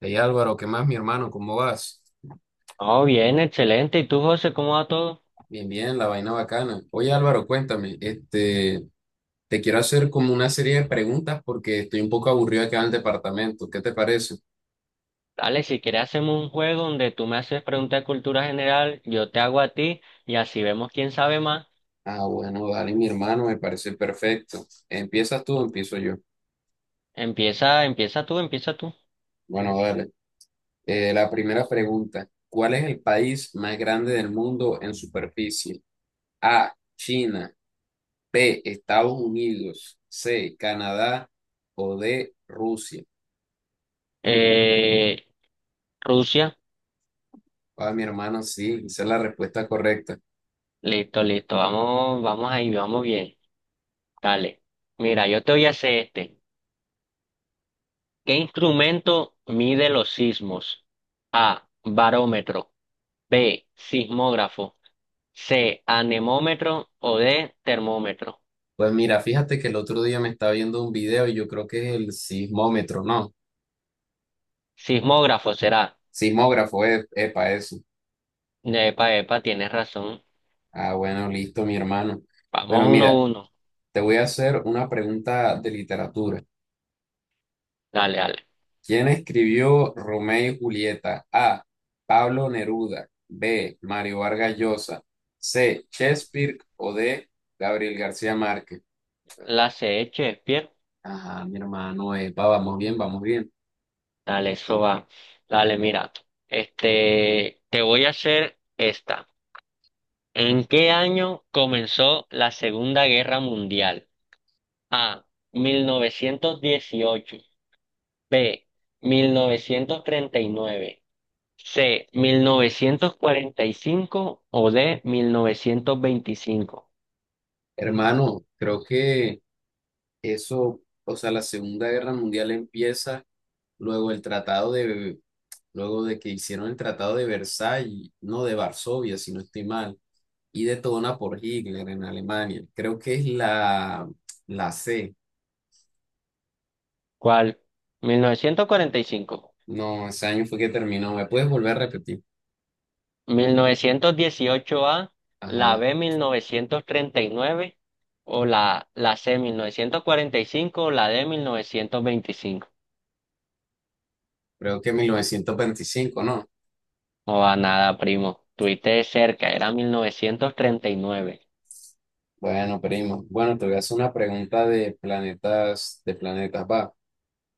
Hey Álvaro, ¿qué más, mi hermano? ¿Cómo vas? Oh, bien, excelente. ¿Y tú, José, cómo va todo? Bien, bien, la vaina bacana. Oye Álvaro, cuéntame, te quiero hacer como una serie de preguntas porque estoy un poco aburrido acá en el departamento. ¿Qué te parece? Dale, si quieres hacemos un juego donde tú me haces preguntas de cultura general, yo te hago a ti y así vemos quién sabe más. Ah, bueno, dale, mi hermano, me parece perfecto. ¿Empiezas tú o empiezo yo? Empieza, empieza tú, empieza tú. Bueno, dale. La primera pregunta, ¿cuál es el país más grande del mundo en superficie? A, China, B, Estados Unidos, C, Canadá o D, Rusia. Eh, Rusia, Ah, mi hermano, sí, esa es la respuesta correcta. listo, listo. Vamos, vamos ahí, vamos bien. Dale. Mira, yo te voy a hacer este. ¿Qué instrumento mide los sismos? A, barómetro. B, sismógrafo. C, anemómetro o D, termómetro. Pues mira, fíjate que el otro día me estaba viendo un video y yo creo que es el sismómetro, ¿no? Sismógrafo será. Sismógrafo, es epa, eso. Epa, epa, tienes razón. Ah, bueno, listo, mi hermano. Bueno, Vamos uno a mira, uno. te voy a hacer una pregunta de literatura. Dale, dale. ¿Quién escribió Romeo y Julieta? A, Pablo Neruda. B, Mario Vargas Llosa. C, Shakespeare o D, Gabriel García Márquez. La CH, Shakespeare. Ajá, mi hermano, epa, vamos bien, vamos bien. Dale, eso va. Dale, mira. Te voy a hacer esta. ¿En qué año comenzó la Segunda Guerra Mundial? A. 1918. B. 1939. C. 1945 o D. 1925. Hermano, creo que eso, o sea, la Segunda Guerra Mundial empieza luego el tratado de, luego de que hicieron el tratado de Versalles, no de Varsovia, si no estoy mal, y detona por Hitler en Alemania. Creo que es la C. ¿Cuál? 1945. No, ese año fue que terminó. ¿Me puedes volver a repetir? 1918A, la Ajá, B 1939 o la C 1945 o la D 1925. creo que 1925, ¿no? No va nada, primo. Tuviste de cerca, era 1939. Bueno, primo. Bueno, te voy a hacer una pregunta de planetas, va.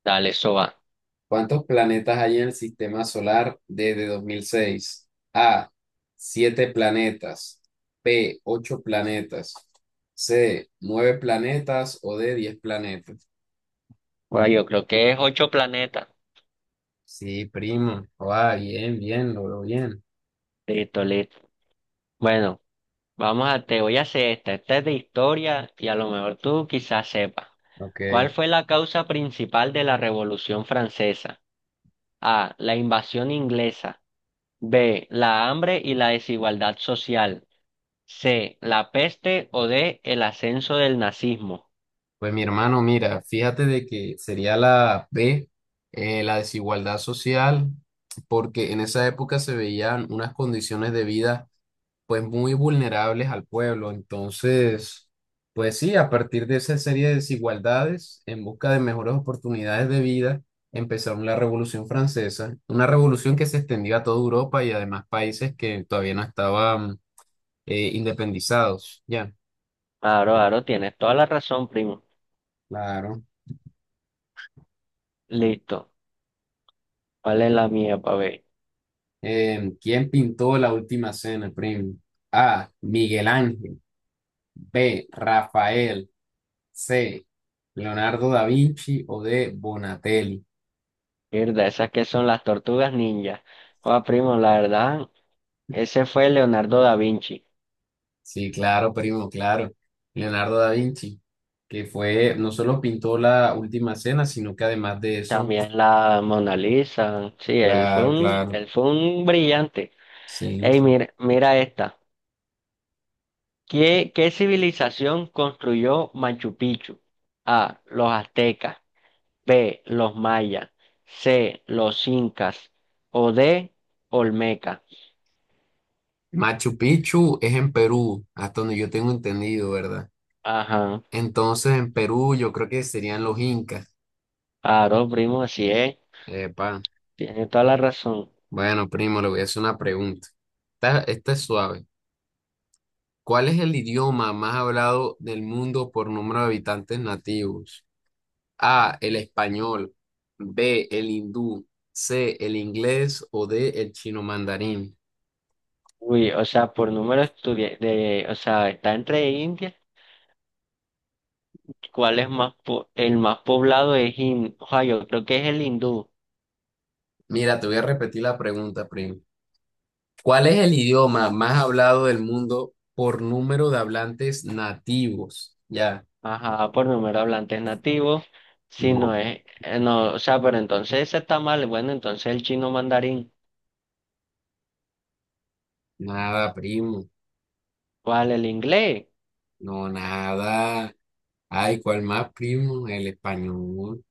Dale, eso va. ¿Cuántos planetas hay en el sistema solar desde 2006? A, 7 planetas, B, 8 planetas, C, 9 planetas o D, 10 planetas. Bueno, yo creo que es ocho planetas. Sí, primo. Ah, bien, bien, lo veo bien. Listo, listo. Bueno, te voy a hacer esta. Esta es de historia y a lo mejor tú quizás sepas. Ok. ¿Cuál fue la causa principal de la Revolución Francesa? A. La invasión inglesa. B. La hambre y la desigualdad social. C. La peste o D. El ascenso del nazismo. Pues mi hermano, mira, fíjate de que sería la B, la desigualdad social, porque en esa época se veían unas condiciones de vida pues muy vulnerables al pueblo. Entonces, pues sí, a partir de esa serie de desigualdades, en busca de mejores oportunidades de vida, empezaron la Revolución Francesa, una revolución que se extendió a toda Europa y además países que todavía no estaban independizados. Ya, Claro, claro, tienes toda la razón, primo. claro. Listo. ¿Cuál es la mía, pa' ver? ¿Quién pintó La Última Cena, primo? A, Miguel Ángel. B, Rafael. C, Leonardo da Vinci o D, Bonatelli. Mierda, esas que son las tortugas ninja. Joder, primo, la verdad, ese fue Leonardo da Vinci. Sí, claro, primo, claro. Leonardo da Vinci, que fue, no solo pintó la Última Cena, sino que además de eso, También la Mona Lisa. Sí, claro, claro, él fue un brillante. sí. Ey, mira, mira esta. ¿Qué civilización construyó Machu Picchu? A. Los aztecas. B, los mayas, C, los incas o D, Olmeca. Machu Picchu es en Perú, hasta donde yo tengo entendido, ¿verdad? Ajá, Entonces, en Perú yo creo que serían los incas. claro, primo, así es, Epa. tiene toda la razón. Bueno, primo, le voy a hacer una pregunta. Esta es suave. ¿Cuál es el idioma más hablado del mundo por número de habitantes nativos? A, el español, B, el hindú, C, el inglés o D, el chino mandarín. Uy, o sea, por número de, o sea, está entre India. ¿Cuál es más el más poblado es oja, yo creo que es el hindú. Mira, te voy a repetir la pregunta, primo. ¿Cuál es el idioma más hablado del mundo por número de hablantes nativos? Ya. Ajá, por número de hablantes nativos, si no No. es, no, o sea, pero entonces ese está mal, bueno, entonces el chino mandarín, Nada, primo. ¿cuál? El inglés, No, nada. Ay, ¿cuál más, primo? El español.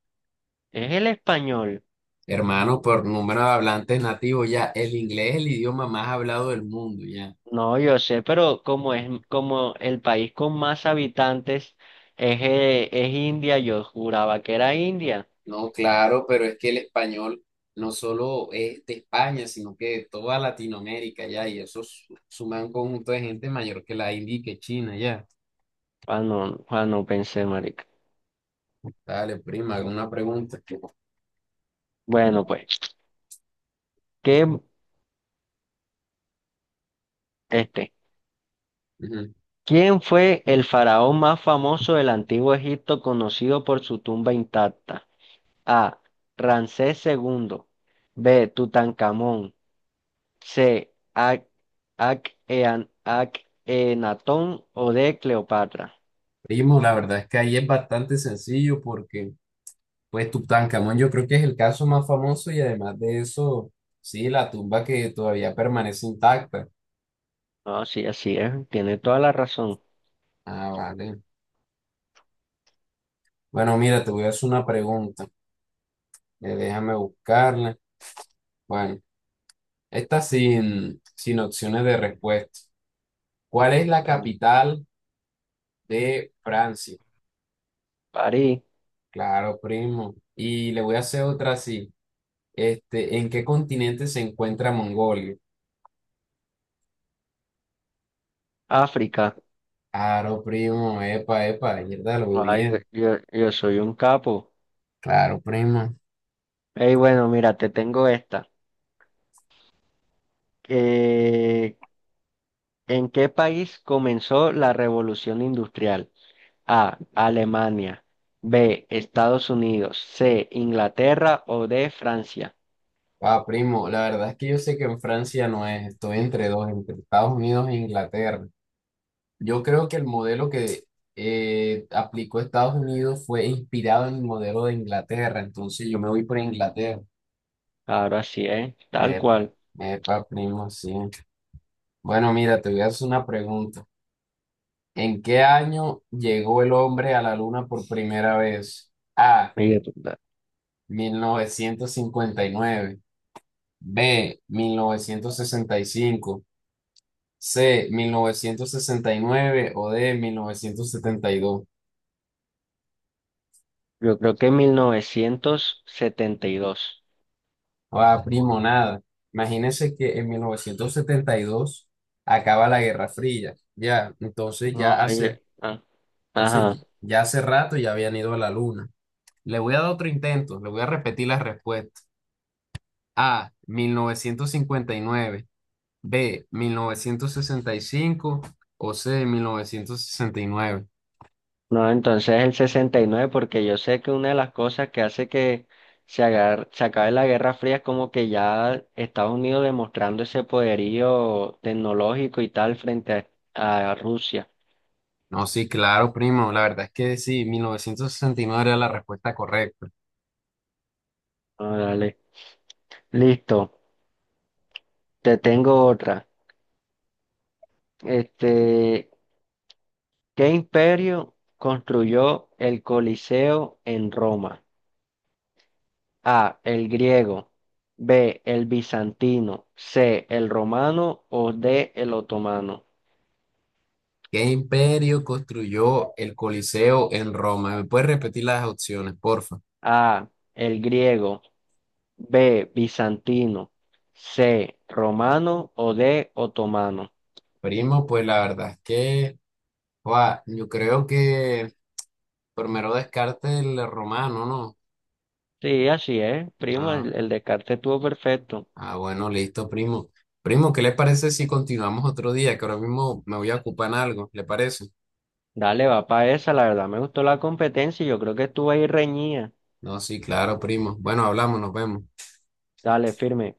es el español. Hermano, por número de hablantes nativos, ya. El inglés es el idioma más hablado del mundo, ya. No, yo sé, pero como es como el país con más habitantes es India, yo juraba que era India. No, claro, pero es que el español no solo es de España, sino que de toda Latinoamérica ya, y eso suma un conjunto de gente mayor que la India y que China ya. Ah no, ah no pensé, marica. Dale, prima, alguna pregunta. Bueno, pues, ¿qué, este, Ujú. ¿quién fue el faraón más famoso del antiguo Egipto conocido por su tumba intacta? A. Ramsés II. B. Tutankamón. C. Enatón o D. Cleopatra. Primo, la verdad es que ahí es bastante sencillo porque, pues, Tutankamón yo creo que es el caso más famoso y además de eso, sí, la tumba que todavía permanece intacta. No, sí, así es, tiene toda la razón. Ah, vale. Bueno, mira, te voy a hacer una pregunta. Déjame buscarla. Bueno. Esta sin opciones de respuesta. ¿Cuál es la En capital de Francia? París, Claro, primo. Y le voy a hacer otra así. ¿En qué continente se encuentra Mongolia? África. Claro, primo. Epa, epa, verdad, lo vi Ay, bien. yo soy un capo. Claro, primo. Ey, bueno, mira, te tengo esta. Eh, ¿en qué país comenzó la Revolución Industrial? A, Alemania. B, Estados Unidos. C, Inglaterra o D, Francia. Ah, primo, la verdad es que yo sé que en Francia no es, estoy entre dos, entre Estados Unidos e Inglaterra. Yo creo que el modelo que aplicó Estados Unidos fue inspirado en el modelo de Inglaterra, entonces yo me voy por Inglaterra. Ahora sí, ¿eh? Tal Eh, cual. epa, primo, sí. Bueno, mira, te voy a hacer una pregunta. ¿En qué año llegó el hombre a la luna por primera vez? A, Oye, 1959, B, 1965, C, 1969 o D, 1972. yo creo que en 1972. Ah, primo, nada. Imagínese que en 1972 acaba la Guerra Fría. Ya, No, oye, ah, ajá. entonces ya hace, rato ya habían ido a la luna. Le voy a dar otro intento, le voy a repetir las respuestas. A, 1959, B, 1965, o C, 1969. No, entonces el 69, porque yo sé que una de las cosas que hace que se acabe la Guerra Fría es como que ya Estados Unidos demostrando ese poderío tecnológico y tal frente a Rusia. No, sí, claro, primo, la verdad es que sí, 1969 era la respuesta correcta. Ah, dale. Listo, te tengo otra. Este, ¿qué imperio construyó el Coliseo en Roma? A, el griego, B, el bizantino, C, el romano o D, el otomano. ¿Qué imperio construyó el Coliseo en Roma? ¿Me puedes repetir las opciones, porfa? A, el griego, B, bizantino, C, romano o D, otomano. Primo, pues la verdad es que, guau, yo creo que primero descarte el romano, ¿no? Sí, así es, primo, Ah, el descarte estuvo perfecto. Ah, bueno, listo, primo. Primo, ¿qué le parece si continuamos otro día? Que ahora mismo me voy a ocupar en algo, ¿le parece? Dale, va para esa, la verdad me gustó la competencia y yo creo que estuvo ahí reñida. No, sí, claro, primo. Bueno, hablamos, nos vemos. Dale, firme.